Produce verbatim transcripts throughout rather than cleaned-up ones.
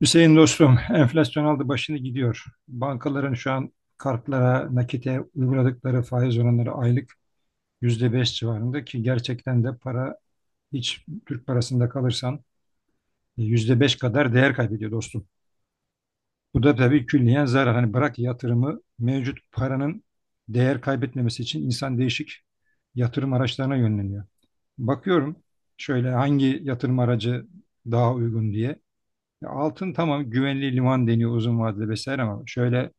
Hüseyin dostum, enflasyon aldı başını gidiyor. Bankaların şu an kartlara, nakite uyguladıkları faiz oranları aylık yüzde beş civarında ki gerçekten de para hiç Türk parasında kalırsan e, yüzde beş kadar değer kaybediyor dostum. Bu da tabii külliyen zarar. Hani bırak yatırımı mevcut paranın değer kaybetmemesi için insan değişik yatırım araçlarına yönleniyor. Bakıyorum şöyle hangi yatırım aracı daha uygun diye. Ya altın tamam güvenli liman deniyor uzun vadede vesaire ama şöyle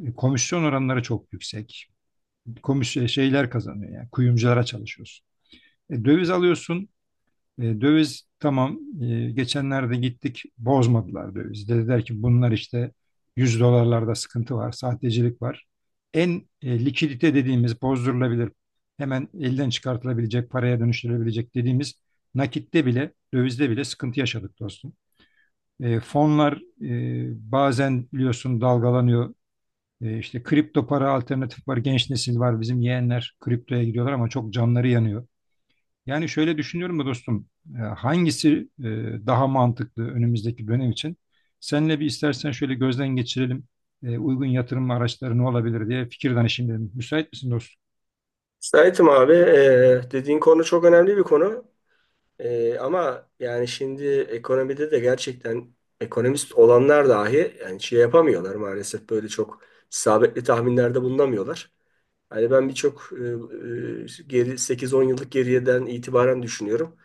E, komisyon oranları çok yüksek. Komis e, şeyler kazanıyor yani kuyumculara çalışıyorsun. E, döviz alıyorsun. E, döviz tamam, e, geçenlerde gittik bozmadılar döviz. Dediler ki bunlar işte yüz dolarlarda sıkıntı var, sahtecilik var. En e, likidite dediğimiz bozdurulabilir, hemen elden çıkartılabilecek, paraya dönüştürülebilecek dediğimiz nakitte bile, dövizde bile sıkıntı yaşadık dostum. E, fonlar e, bazen biliyorsun dalgalanıyor, e, işte kripto para alternatif var. Genç nesil var. Bizim yeğenler kriptoya gidiyorlar ama çok canları yanıyor. Yani şöyle düşünüyorum da dostum. e, Hangisi e, daha mantıklı önümüzdeki dönem için? Seninle bir istersen şöyle gözden geçirelim. E, Uygun yatırım araçları ne olabilir diye fikir danışayım dedim. Müsait misin dostum? Sait'im abi e, dediğin konu çok önemli bir konu. E, ama yani şimdi ekonomide de gerçekten ekonomist olanlar dahi yani şey yapamıyorlar maalesef böyle çok isabetli tahminlerde bulunamıyorlar. Hani ben birçok e, e, geri sekiz on yıllık geriyeden itibaren düşünüyorum.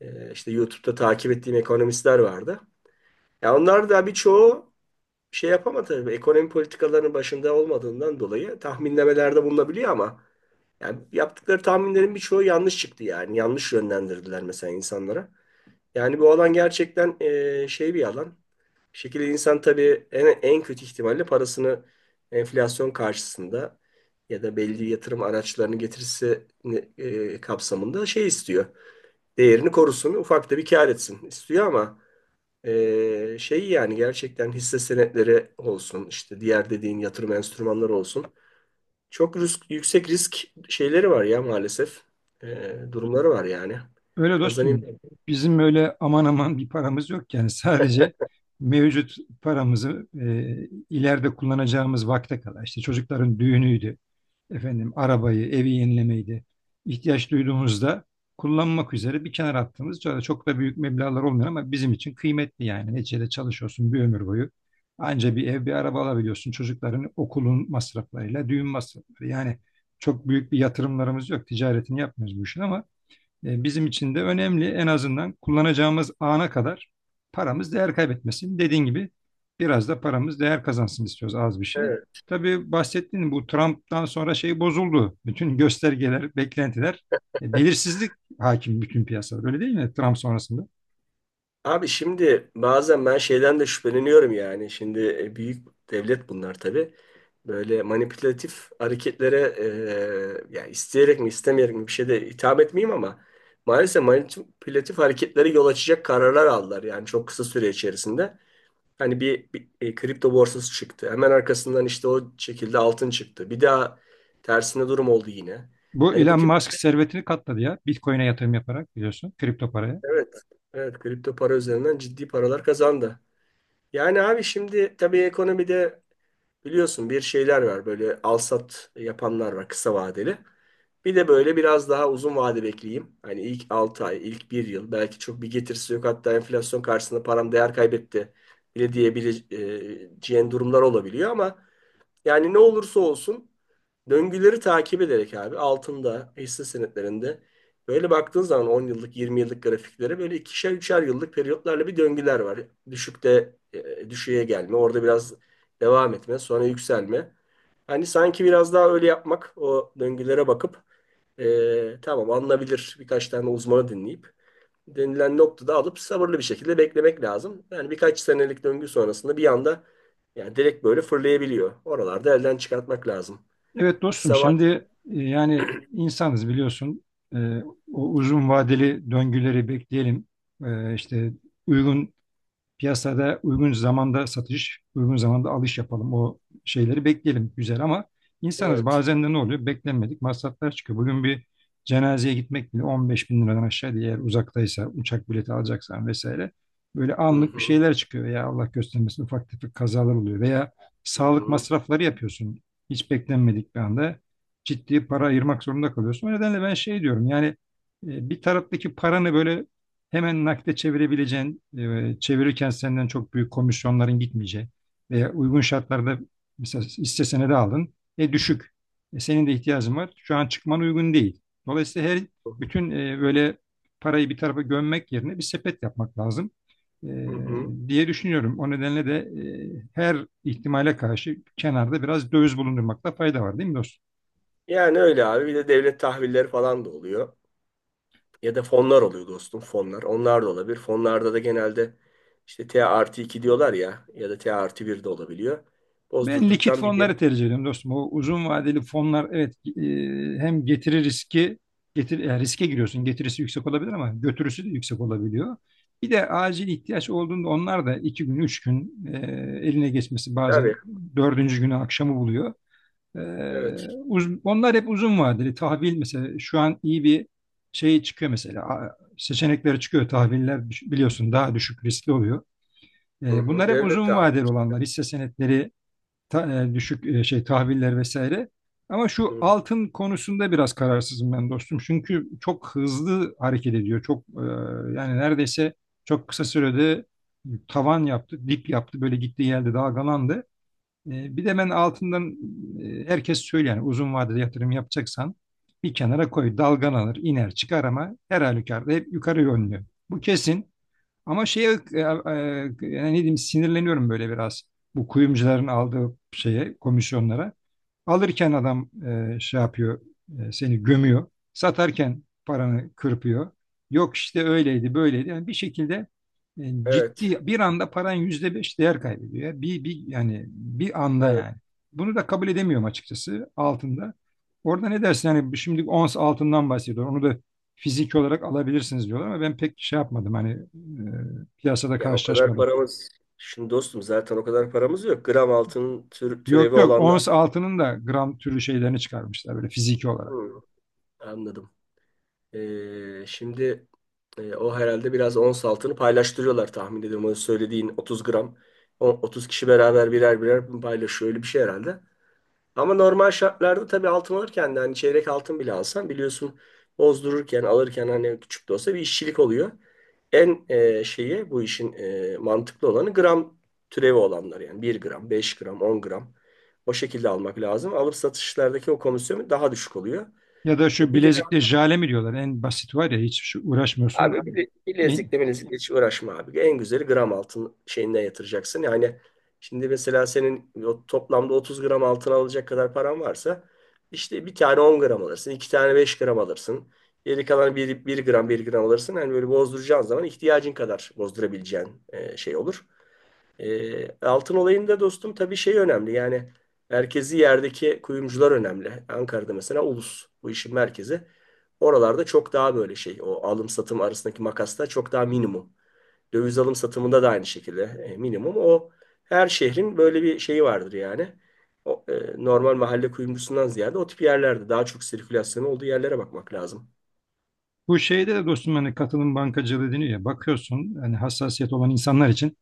E, işte YouTube'da takip ettiğim ekonomistler vardı. Ya onlar da birçoğu bir şey yapamadı. Tabii ekonomi politikalarının başında olmadığından dolayı tahminlemelerde bulunabiliyor ama yani yaptıkları tahminlerin birçoğu yanlış çıktı yani. Yanlış yönlendirdiler mesela insanlara. Yani bu alan gerçekten e, şey bir alan. Bir şekilde insan tabii en, en kötü ihtimalle parasını enflasyon karşısında ya da belli yatırım araçlarını getirisi e, kapsamında şey istiyor. Değerini korusun, ufak da bir kâr etsin istiyor ama ee, şey yani gerçekten hisse senetleri olsun işte diğer dediğin yatırım enstrümanları olsun. Çok risk, yüksek risk şeyleri var ya maalesef. Ee, durumları var yani. Öyle Kazanayım. dostum. Bizim öyle aman aman bir paramız yok. Yani sadece mevcut paramızı e, ileride kullanacağımız vakte kadar. İşte çocukların düğünüydü efendim arabayı, evi yenilemeyi de ihtiyaç duyduğumuzda kullanmak üzere bir kenara attığımız şöyle çok da büyük meblağlar olmuyor ama bizim için kıymetli yani. Neticede çalışıyorsun bir ömür boyu. Anca bir ev, bir araba alabiliyorsun. Çocukların okulun masraflarıyla, düğün masrafları. Yani çok büyük bir yatırımlarımız yok. Ticaretini yapmıyoruz bu işin ama e, bizim için de önemli. En azından kullanacağımız ana kadar paramız değer kaybetmesin. Dediğin gibi biraz da paramız değer kazansın istiyoruz az bir şey. Evet. Tabii bahsettiğin bu Trump'tan sonra şey bozuldu. Bütün göstergeler, beklentiler, e, belirsizlik hakim bütün piyasalar. Öyle değil mi Trump sonrasında? Abi şimdi bazen ben şeyden de şüpheleniyorum yani. Şimdi e, büyük devlet bunlar tabii. Böyle manipülatif hareketlere e, yani isteyerek mi istemeyerek mi bir şey de hitap etmeyeyim ama maalesef manipülatif hareketlere yol açacak kararlar aldılar yani çok kısa süre içerisinde. Hani bir, bir, e, kripto borsası çıktı. Hemen arkasından işte o şekilde altın çıktı. Bir daha tersine durum oldu yine. Bu Hani bu Elon tip Musk servetini katladı ya. Bitcoin'e yatırım yaparak biliyorsun kripto paraya. evet, evet, kripto para üzerinden ciddi paralar kazandı. Yani abi şimdi tabii ekonomide biliyorsun bir şeyler var. Böyle al-sat yapanlar var kısa vadeli. Bir de böyle biraz daha uzun vade bekleyeyim. Hani ilk altı ay, ilk bir yıl belki çok bir getirisi yok. Hatta enflasyon karşısında param değer kaybetti bile diyebileceğin durumlar olabiliyor ama yani ne olursa olsun döngüleri takip ederek abi altında, hisse senetlerinde böyle baktığın zaman on yıllık, yirmi yıllık grafiklere böyle ikişer, üçer yıllık periyotlarla bir döngüler var. Düşükte e, düşüğe gelme, orada biraz devam etme, sonra yükselme. Hani sanki biraz daha öyle yapmak, o döngülere bakıp e, tamam alınabilir birkaç tane uzmanı dinleyip denilen noktada alıp sabırlı bir şekilde beklemek lazım. Yani birkaç senelik döngü sonrasında bir anda yani direkt böyle fırlayabiliyor. Oralarda elden çıkartmak lazım. Evet dostum Kısa var. şimdi e, yani insanız biliyorsun. E, O uzun vadeli döngüleri bekleyelim. E, işte uygun piyasada uygun zamanda satış, uygun zamanda alış yapalım. O şeyleri bekleyelim güzel ama insanız Evet. bazen de ne oluyor? Beklenmedik masraflar çıkıyor. Bugün bir cenazeye gitmek bile on beş bin liradan aşağı değil. Eğer uzaktaysa uçak bileti alacaksan vesaire. Böyle Hı anlık bir hı, şeyler çıkıyor veya Allah göstermesin ufak tefek kazalar oluyor. Veya hı sağlık hı, masrafları yapıyorsun. Hiç beklenmedik bir anda ciddi para ayırmak zorunda kalıyorsun. O nedenle ben şey diyorum yani e, bir taraftaki paranı böyle hemen nakde çevirebileceğin, e, çevirirken senden çok büyük komisyonların gitmeyeceği veya uygun şartlarda mesela hisse senedi aldın, e düşük. E, senin de ihtiyacın var. Şu an çıkman uygun değil. Dolayısıyla her hı hı, bütün e, böyle parayı bir tarafa gömmek yerine bir sepet yapmak lazım e, hı hı. diye düşünüyorum. O nedenle de e, her ihtimale karşı kenarda biraz döviz bulundurmakta fayda var, değil mi dostum? Yani öyle abi. Bir de devlet tahvilleri falan da oluyor. Ya da fonlar oluyor dostum fonlar. Onlar da olabilir. Fonlarda da genelde işte T artı iki diyorlar ya ya da T artı bir de olabiliyor. Ben likit Bozdurduktan bir yere. fonları tercih ediyorum dostum. O uzun vadeli fonlar evet, e, hem getiri riski getir yani riske giriyorsun. Getirisi yüksek olabilir ama götürüsü de yüksek olabiliyor. Bir de acil ihtiyaç olduğunda onlar da iki gün, üç gün, e, eline geçmesi Tabii. bazen dördüncü günü akşamı buluyor. E, Evet. Uz- onlar hep uzun vadeli. Tahvil mesela şu an iyi bir şey çıkıyor mesela. A- Seçenekleri çıkıyor. Tahviller biliyorsun daha düşük riskli oluyor. Hı E, bunlar hı. hep Devlet uzun tahvili vadeli olanlar. işte. Hisse senetleri ta- e, düşük e, şey tahviller vesaire. Ama Hı şu hı. altın konusunda biraz kararsızım ben dostum. Çünkü çok hızlı hareket ediyor. Çok, e, yani neredeyse çok kısa sürede tavan yaptı, dip yaptı. Böyle gitti geldi dalgalandı. E, bir de ben altından, e, herkes söylüyor yani uzun vadede yatırım yapacaksan bir kenara koy dalgalanır iner çıkar ama her halükarda hep yukarı yönlü. Bu kesin. Ama şeye e, e, yani ne diyeyim sinirleniyorum böyle biraz. Bu kuyumcuların aldığı şeye, komisyonlara. Alırken adam e, şey yapıyor, e, seni gömüyor. Satarken paranı kırpıyor. Yok işte öyleydi, böyleydi. Yani bir şekilde e, Evet. ciddi bir anda paran yüzde beş değer kaybediyor ya. Bir, bir yani bir anda Evet. yani. Bunu da kabul edemiyorum açıkçası altında. Orada ne dersin? Yani şimdi ons altından bahsediyor. Onu da fizik olarak alabilirsiniz diyorlar ama ben pek şey yapmadım. Hani e, piyasada Ya o kadar karşılaşmadım. paramız. Şimdi dostum zaten o kadar paramız yok. Gram altın tür, türevi Yok yok, olanlar. ons altının da gram türlü şeylerini çıkarmışlar böyle fiziki olarak. Hı. Anladım. Ee, şimdi e, o herhalde biraz ons altını paylaştırıyorlar tahmin ediyorum. O söylediğin otuz gram. O otuz kişi beraber birer birer bunu paylaşıyor. Öyle bir şey herhalde. Ama normal şartlarda tabii altın alırken de hani çeyrek altın bile alsan biliyorsun bozdururken alırken hani küçük de olsa bir işçilik oluyor. En e, şeyi bu işin e, mantıklı olanı gram türevi olanlar yani bir gram, beş gram, on gram o şekilde almak lazım. Alıp satışlardaki o komisyon daha düşük oluyor. Ya da şu E, bir de bilezikte jale mi diyorlar en basit var ya hiç şu Abi uğraşmıyorsun. bile, En- bilezikle bilezikle hiç uğraşma abi. En güzeli gram altın şeyinden yatıracaksın. Yani şimdi mesela senin o toplamda otuz gram altın alacak kadar paran varsa işte bir tane on gram alırsın, iki tane beş gram alırsın. Geri kalan bir bir gram bir gram alırsın. Yani böyle bozduracağın zaman ihtiyacın kadar bozdurabileceğin e, şey olur. E, altın olayında dostum tabii şey önemli yani merkezi yerdeki kuyumcular önemli. Ankara'da mesela Ulus bu işin merkezi. Oralarda çok daha böyle şey o alım satım arasındaki makasta çok daha minimum. Döviz alım satımında da aynı şekilde e, minimum. O her şehrin böyle bir şeyi vardır yani. O, e, normal mahalle kuyumcusundan ziyade o tip yerlerde daha çok sirkülasyon olduğu yerlere bakmak lazım. Bu şeyde de dostum hani katılım bankacılığı deniyor ya bakıyorsun hani hassasiyet olan insanlar için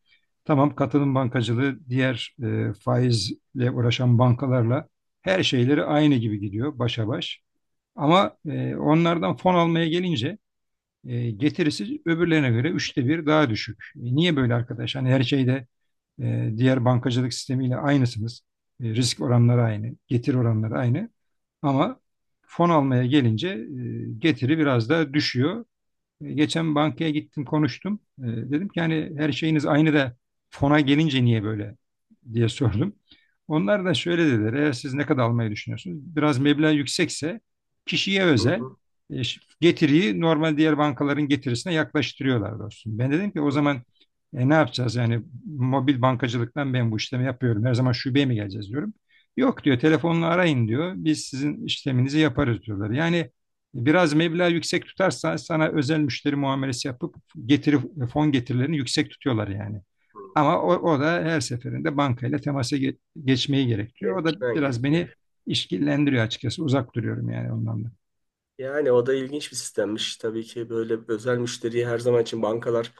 tamam katılım bankacılığı diğer e, faizle uğraşan bankalarla her şeyleri aynı gibi gidiyor başa baş. Ama e, onlardan fon almaya gelince e, getirisi öbürlerine göre üçte bir daha düşük. E, niye böyle arkadaş? Hani her şeyde e, diğer bankacılık sistemiyle aynısınız. E, risk oranları aynı, getir oranları aynı. Ama fon almaya gelince e, getiri biraz daha düşüyor. E, Geçen bankaya gittim konuştum. E, Dedim ki hani her şeyiniz aynı da fona gelince niye böyle diye sordum. Onlar da şöyle dediler. Eğer siz ne kadar almayı düşünüyorsunuz? Biraz meblağ yüksekse kişiye özel, Hı, e, ş- getiriyi normal diğer bankaların getirisine yaklaştırıyorlar dostum. Ben dedim ki o hı hı, zaman e, ne yapacağız? Yani mobil bankacılıktan ben bu işlemi yapıyorum. Her zaman şubeye mi geleceğiz diyorum. Yok diyor telefonla arayın diyor. Biz sizin işleminizi yaparız diyorlar. Yani biraz meblağ yüksek tutarsan sana özel müşteri muamelesi yapıp getiri fon getirilerini yüksek tutuyorlar yani. Ama o, hı. o da her seferinde bankayla temasa ge- geçmeyi gerektiriyor. O da Gelişmen biraz beni gerekiyor. işkillendiriyor açıkçası. Uzak duruyorum yani ondan da. Yani o da ilginç bir sistemmiş. Tabii ki böyle özel müşteriyi her zaman için bankalar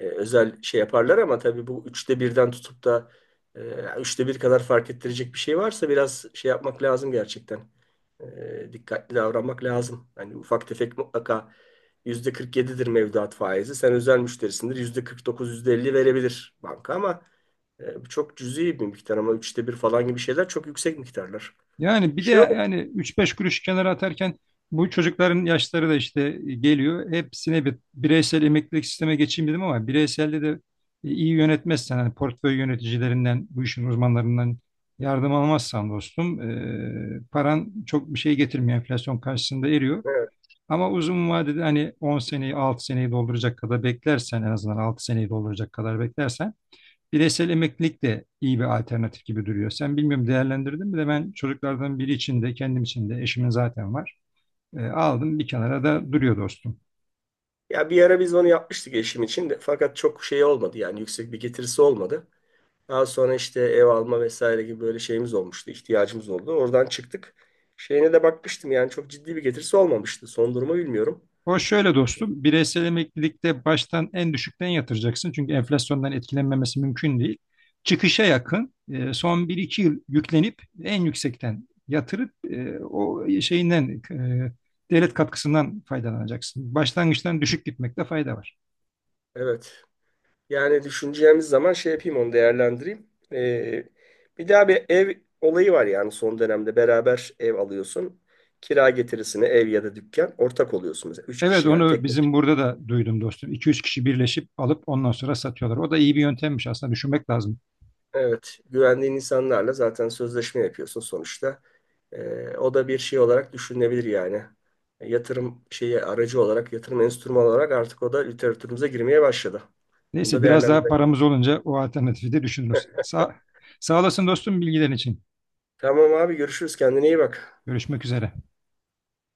e, özel şey yaparlar ama tabii bu üçte birden tutup da e, üçte bir kadar fark ettirecek bir şey varsa biraz şey yapmak lazım gerçekten. E, dikkatli davranmak lazım. Hani ufak tefek mutlaka yüzde kırk yedidir mevduat faizi. Sen özel müşterisindir yüzde kırk dokuz yüzde elli verebilir banka ama e, bu çok cüzi bir miktar ama üçte bir falan gibi şeyler çok yüksek miktarlar. Yani bir de Şey olur. yani üç beş kuruş kenara atarken bu çocukların yaşları da işte geliyor. Hepsine bir bireysel emeklilik sisteme geçeyim dedim ama bireyselde de e, iyi yönetmezsen hani portföy yöneticilerinden bu işin uzmanlarından yardım almazsan dostum e, paran çok bir şey getirmiyor enflasyon karşısında eriyor. Ama uzun vadede hani on seneyi altı seneyi dolduracak kadar beklersen en azından altı seneyi dolduracak kadar beklersen bireysel emeklilik de iyi bir alternatif gibi duruyor. Sen bilmiyorum değerlendirdin mi de ben çocuklardan biri için de kendim için de eşimin zaten var. E, aldım bir kenara da duruyor dostum. Ya bir ara biz onu yapmıştık eşim için de fakat çok şey olmadı yani yüksek bir getirisi olmadı. Daha sonra işte ev alma vesaire gibi böyle şeyimiz olmuştu, ihtiyacımız oldu. Oradan çıktık. Şeyine de bakmıştım yani çok ciddi bir getirisi olmamıştı. Son durumu bilmiyorum. O şöyle dostum, bireysel emeklilikte baştan en düşükten yatıracaksın. Çünkü enflasyondan etkilenmemesi mümkün değil. Çıkışa yakın e, son bir iki yıl yüklenip en yüksekten yatırıp, e, o şeyinden, e, devlet katkısından faydalanacaksın. Başlangıçtan düşük gitmekte fayda var. Evet. Yani düşüneceğimiz zaman şey yapayım onu değerlendireyim. Ee, Bir daha bir ev olayı var yani son dönemde beraber ev alıyorsun. Kira getirisine ev ya da dükkan ortak oluyorsunuz. Üç Evet kişi yani onu tek. bizim burada da duydum dostum. iki üç kişi birleşip alıp ondan sonra satıyorlar. O da iyi bir yöntemmiş aslında düşünmek lazım. Evet, güvendiğin insanlarla zaten sözleşme yapıyorsun sonuçta. Ee, o da bir şey olarak düşünülebilir yani. E, Yatırım şeyi aracı olarak, yatırım enstrümanı olarak artık o da literatürümüze girmeye başladı. Bunu Neyse da biraz daha değerlendirelim. paramız olunca o alternatifi de düşünürüz. Sağ, sağ olasın dostum bilgilerin için. Tamam abi görüşürüz. Kendine iyi bak. Görüşmek üzere.